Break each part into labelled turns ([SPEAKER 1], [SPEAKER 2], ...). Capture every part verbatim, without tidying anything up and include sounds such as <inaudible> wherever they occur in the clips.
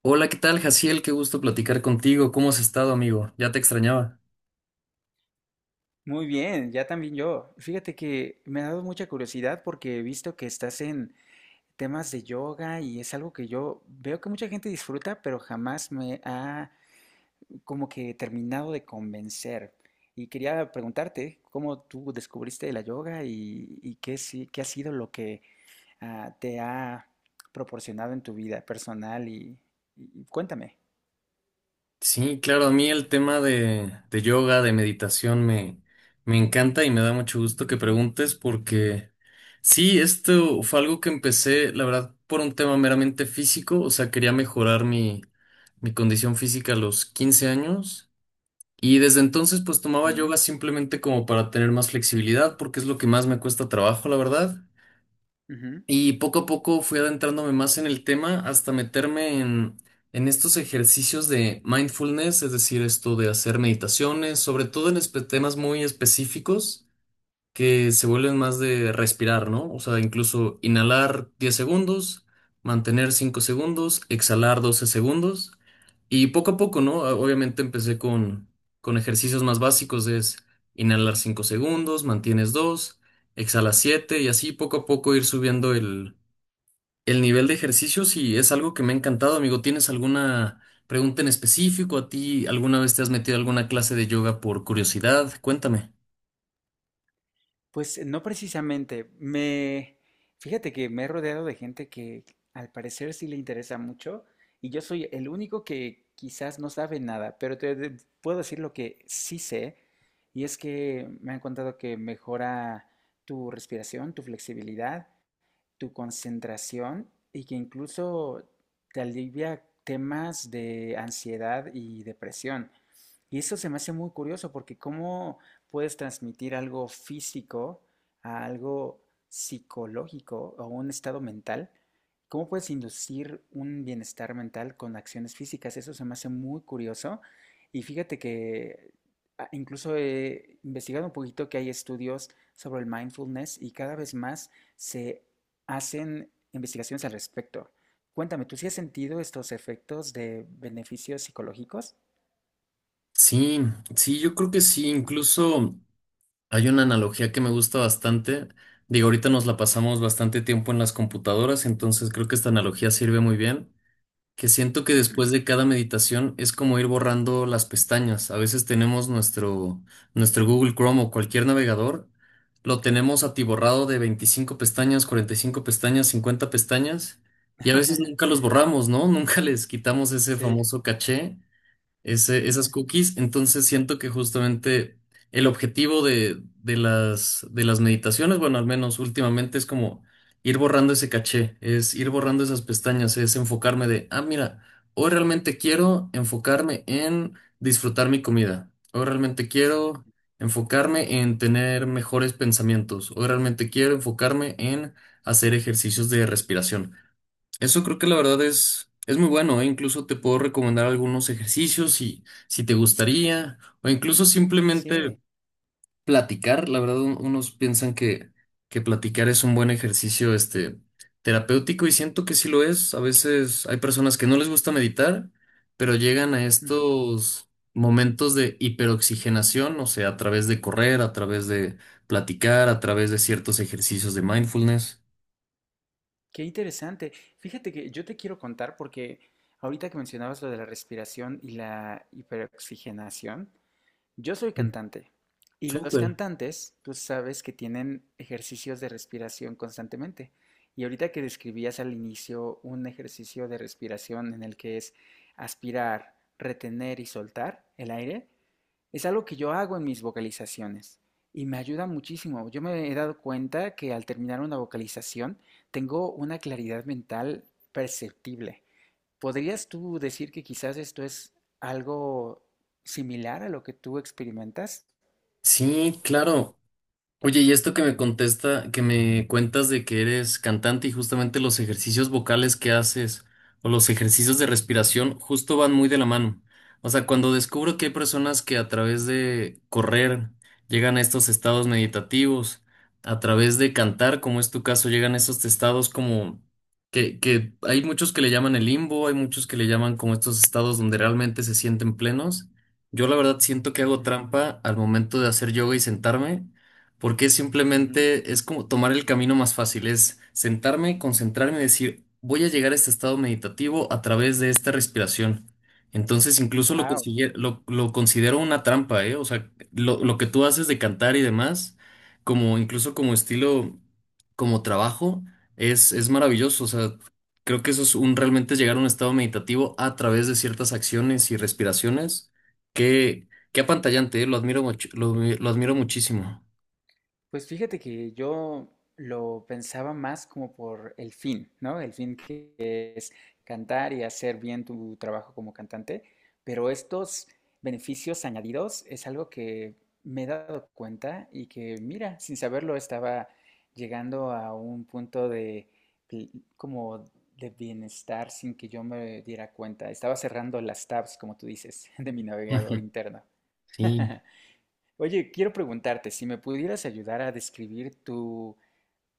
[SPEAKER 1] Hola, ¿qué tal, Jaciel? Qué gusto platicar contigo. ¿Cómo has estado, amigo? Ya te extrañaba.
[SPEAKER 2] Muy bien, ya también yo. Fíjate que me ha dado mucha curiosidad porque he visto que estás en temas de yoga y es algo que yo veo que mucha gente disfruta, pero jamás me ha como que terminado de convencer. Y quería preguntarte cómo tú descubriste la yoga y, y qué, sí- qué ha sido lo que ah, te ha proporcionado en tu vida personal y, y- y cuéntame.
[SPEAKER 1] Sí, claro, a mí el tema de, de yoga, de meditación, me, me encanta y me da mucho gusto que preguntes porque sí, esto fue algo que empecé, la verdad, por un tema meramente físico, o sea, quería mejorar mi, mi condición física a los quince años y desde entonces pues tomaba yoga simplemente como para tener más flexibilidad porque es lo que más me cuesta trabajo, la verdad.
[SPEAKER 2] Ujú, ujú.
[SPEAKER 1] Y poco a poco fui adentrándome más en el tema hasta meterme en, en estos ejercicios de mindfulness, es decir, esto de hacer meditaciones, sobre todo en espe- temas muy específicos que se vuelven más de respirar, ¿no? O sea, incluso inhalar diez segundos, mantener cinco segundos, exhalar doce segundos. Y poco a poco, ¿no? Ah, Obviamente empecé con, con ejercicios más básicos, es inhalar cinco segundos, mantienes dos, exhalas siete y así poco a poco ir subiendo el el nivel de ejercicio. Sí, es algo que me ha encantado, amigo. ¿Tienes alguna pregunta en específico? ¿A ti alguna vez te has metido a alguna clase de yoga por curiosidad? Cuéntame.
[SPEAKER 2] Pues no precisamente. Me, fíjate que me he rodeado de gente que al parecer sí le interesa mucho y yo soy el único que quizás no sabe nada, pero te de- puedo decir lo que sí sé y es que me han contado que mejora tu respiración, tu flexibilidad, tu concentración y que incluso te alivia temas de ansiedad y depresión. Y eso se me hace muy curioso porque cómo puedes transmitir algo físico a algo psicológico o un estado mental, cómo puedes inducir un bienestar mental con acciones físicas. Eso se me hace muy curioso. Y fíjate que ah, incluso he investigado un poquito que hay estudios sobre el mindfulness y cada vez más se hacen investigaciones al respecto. Cuéntame, ¿tú sí has sentido estos efectos de beneficios psicológicos?
[SPEAKER 1] Sí, sí, yo creo que sí. Incluso hay una analogía que me gusta bastante. Digo, ahorita nos la pasamos bastante tiempo en las computadoras, entonces creo que esta analogía sirve muy bien, que siento que después
[SPEAKER 2] Ujú.
[SPEAKER 1] de cada meditación es como ir borrando las pestañas. A veces tenemos nuestro, nuestro Google Chrome o cualquier navegador, lo tenemos atiborrado de veinticinco pestañas, cuarenta y cinco pestañas, cincuenta pestañas, y a veces nunca
[SPEAKER 2] <laughs>
[SPEAKER 1] los borramos, ¿no? <laughs> Nunca les quitamos ese
[SPEAKER 2] Sí,
[SPEAKER 1] famoso caché, ese- esas
[SPEAKER 2] ajá,
[SPEAKER 1] cookies. Entonces siento que justamente el objetivo de, de las, de las meditaciones, bueno, al menos últimamente, es como ir borrando ese caché, es ir borrando esas pestañas, es enfocarme de, ah, mira, hoy realmente quiero enfocarme en disfrutar mi comida, hoy realmente quiero enfocarme en tener mejores pensamientos, hoy realmente quiero enfocarme en hacer ejercicios de respiración. Eso creo que la verdad es, es muy bueno, ¿eh? Incluso te puedo recomendar algunos ejercicios si, si te gustaría, o incluso simplemente
[SPEAKER 2] sí,
[SPEAKER 1] platicar. La verdad, un- unos piensan que, que platicar es un buen ejercicio, este, terapéutico, y siento que sí lo es. A veces hay personas que no les gusta meditar, pero llegan a
[SPEAKER 2] ujú.
[SPEAKER 1] estos momentos de hiperoxigenación, o sea, a través de correr, a través de platicar, a través de ciertos ejercicios de mindfulness.
[SPEAKER 2] Qué interesante. Fíjate que yo te quiero contar porque ahorita que mencionabas lo de la respiración y la hiperoxigenación, yo soy
[SPEAKER 1] Sí.
[SPEAKER 2] cantante y los
[SPEAKER 1] Súper.
[SPEAKER 2] cantantes, tú sabes que tienen ejercicios de respiración constantemente. Y ahorita que describías al inicio un ejercicio de respiración en el que es aspirar, retener y soltar el aire, es algo que yo hago en mis vocalizaciones y me ayuda muchísimo. Yo me he dado cuenta que al terminar una vocalización tengo una claridad mental perceptible. ¿Podrías tú decir que quizás esto es algo similar a lo que tú experimentas?
[SPEAKER 1] Sí, claro. Oye, y esto que me contesta, que me cuentas de que eres cantante y justamente los ejercicios vocales que haces o los ejercicios de respiración justo van muy de la mano. O sea, cuando descubro que hay personas que a través de correr llegan a estos estados meditativos, a través de cantar, como es tu caso, llegan a estos estados como que, que hay muchos que le llaman el limbo, hay muchos que le llaman como estos estados donde realmente se sienten plenos. Yo la verdad siento que hago trampa al momento de hacer yoga y sentarme, porque simplemente es como tomar el camino más fácil, es sentarme, concentrarme y decir, voy a llegar a este estado meditativo a través de esta respiración. Entonces incluso lo,
[SPEAKER 2] Wow.
[SPEAKER 1] consigue- lo, lo considero una trampa, ¿eh? O sea, lo, lo que tú haces de cantar y demás, como incluso como estilo, como trabajo, es, es maravilloso. O sea, creo que eso es un realmente llegar a un estado meditativo a través de ciertas acciones y respiraciones que, que apantallante, ¿eh? Lo admiro, much- lo lo admiro muchísimo.
[SPEAKER 2] Pues fíjate que yo lo pensaba más como por el fin, ¿no? El fin que es cantar y hacer bien tu trabajo como cantante, pero estos beneficios añadidos es algo que me he dado cuenta y que, mira, sin saberlo estaba llegando a un punto de pl- como de bienestar sin que yo me diera cuenta. Estaba cerrando las tabs, como tú dices, <laughs> de mi
[SPEAKER 1] Ujú.
[SPEAKER 2] navegador interno.
[SPEAKER 1] <laughs> Sí,
[SPEAKER 2] <laughs> Oye, quiero preguntarte si me pudieras ayudar a describir tu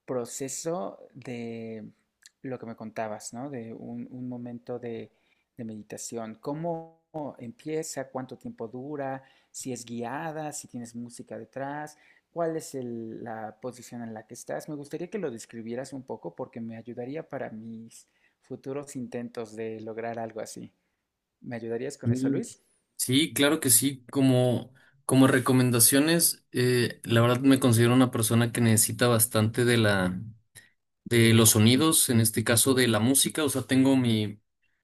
[SPEAKER 2] proceso de lo que me contabas, ¿no? De un, un momento de, de meditación. ¿Cómo empieza? ¿Cuánto tiempo dura? ¿Si es guiada? ¿Si tienes música detrás? ¿Cuál es el- la posición en la que estás? Me gustaría que lo describieras un poco porque me ayudaría para mis futuros intentos de lograr algo así. ¿Me ayudarías con eso,
[SPEAKER 1] sí,
[SPEAKER 2] Luis?
[SPEAKER 1] sí, claro que sí. Como, como recomendaciones, eh, la verdad me considero una persona que necesita bastante de la, de los sonidos, en este caso de la música. O sea, tengo mi,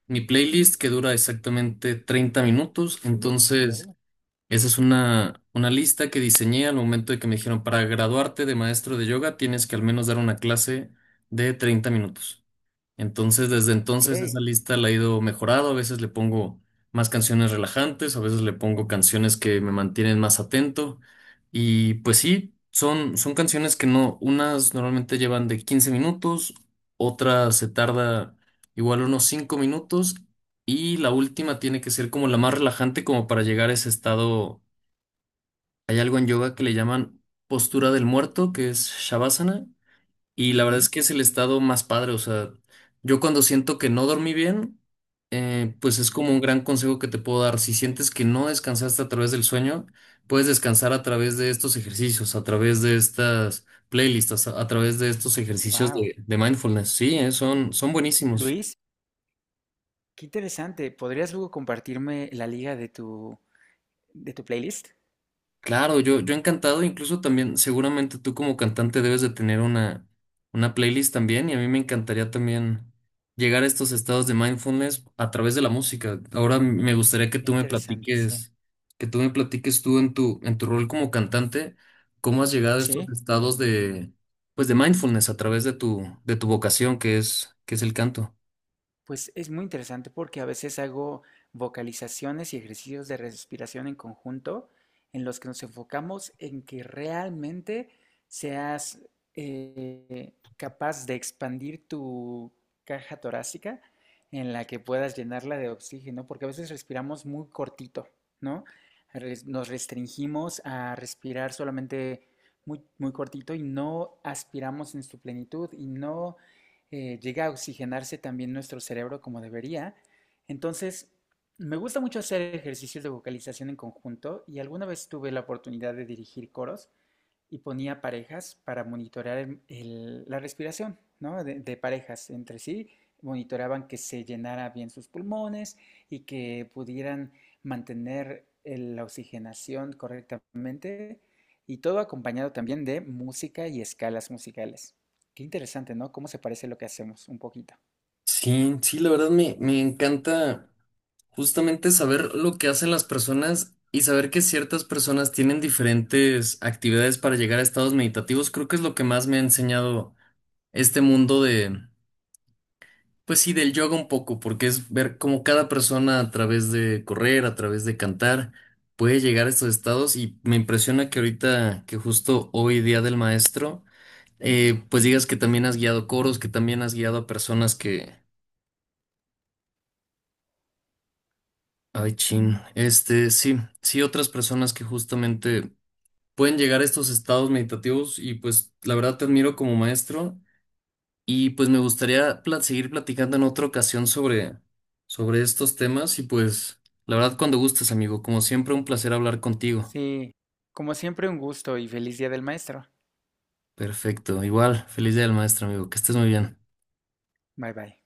[SPEAKER 1] mi playlist que dura exactamente treinta minutos. Entonces,
[SPEAKER 2] Ok.
[SPEAKER 1] esa es una, una lista que diseñé al momento de que me dijeron, para graduarte de maestro de yoga, tienes que al menos dar una clase de treinta minutos. Entonces, desde entonces
[SPEAKER 2] Ok.
[SPEAKER 1] esa lista la he ido mejorando. A veces le pongo más canciones relajantes, a veces le pongo canciones que me mantienen más atento. Y pues sí, son, son canciones que no, unas normalmente llevan de quince minutos, otras se tarda igual unos cinco minutos, y la última tiene que ser como la más relajante como para llegar a ese estado. Hay algo en yoga que le llaman postura del muerto, que es Shavasana, y la verdad es que es el estado más padre, o sea, yo cuando siento que no dormí bien, eh, pues es como un gran consejo que te puedo dar. Si sientes que no descansaste a través del sueño, puedes descansar a través de estos ejercicios, a través de estas playlists, a, a través de estos ejercicios
[SPEAKER 2] Wow.
[SPEAKER 1] de, de mindfulness. Sí, eh, son, son buenísimos.
[SPEAKER 2] Luis, qué interesante. ¿Podrías luego compartirme la liga de tu, de tu playlist?
[SPEAKER 1] Claro, yo, yo encantado, incluso también, seguramente tú como cantante debes de tener una, una playlist también, y a mí me encantaría también llegar a estos estados de mindfulness a través de la música. Ahora me gustaría que
[SPEAKER 2] Qué
[SPEAKER 1] tú me
[SPEAKER 2] interesante, sí.
[SPEAKER 1] platiques, que tú me platiques tú en tu, en tu rol como cantante, cómo has llegado a estos
[SPEAKER 2] Sí.
[SPEAKER 1] estados de, pues de mindfulness a través de tu, de tu vocación, que es, que es el canto.
[SPEAKER 2] Pues es muy interesante porque a veces hago vocalizaciones y ejercicios de respiración en conjunto en los que nos enfocamos en que realmente seas eh, capaz de expandir tu caja torácica en la que puedas llenarla de oxígeno, porque a veces respiramos muy cortito, ¿no? Res- Nos restringimos a respirar solamente muy, muy cortito y no aspiramos en su plenitud y no eh, llega a oxigenarse también nuestro cerebro como debería. Entonces, me gusta mucho hacer ejercicios de vocalización en conjunto y alguna vez tuve la oportunidad de dirigir coros y ponía parejas para monitorear el- el- la respiración, ¿no? De, de parejas entre sí, monitoreaban que se llenara bien sus pulmones y que pudieran mantener el- la oxigenación correctamente y todo acompañado también de música y escalas musicales. Qué interesante, ¿no? Cómo se parece lo que hacemos un poquito.
[SPEAKER 1] Sí, sí, la verdad me, me encanta. Justamente saber lo que hacen las personas y saber que ciertas personas tienen diferentes actividades para llegar a estados meditativos, creo que es lo que más me ha enseñado este mundo de, pues sí, del yoga un poco, porque es ver cómo cada persona a través de correr, a través de cantar, puede llegar a estos estados, y me impresiona que ahorita, que justo hoy día del maestro, eh, pues digas que también has guiado coros, que también has guiado a personas que... Ay, chin. Este, sí, sí, otras personas que justamente pueden llegar a estos estados meditativos, y pues la verdad te admiro como maestro y pues me gustaría pla- seguir platicando en otra ocasión sobre, sobre estos temas, y pues la verdad cuando gustes, amigo, como siempre un placer hablar contigo.
[SPEAKER 2] Sí, como siempre un gusto y feliz Día del Maestro.
[SPEAKER 1] Perfecto, igual, feliz día del maestro, amigo, que estés muy bien.
[SPEAKER 2] Bye bye.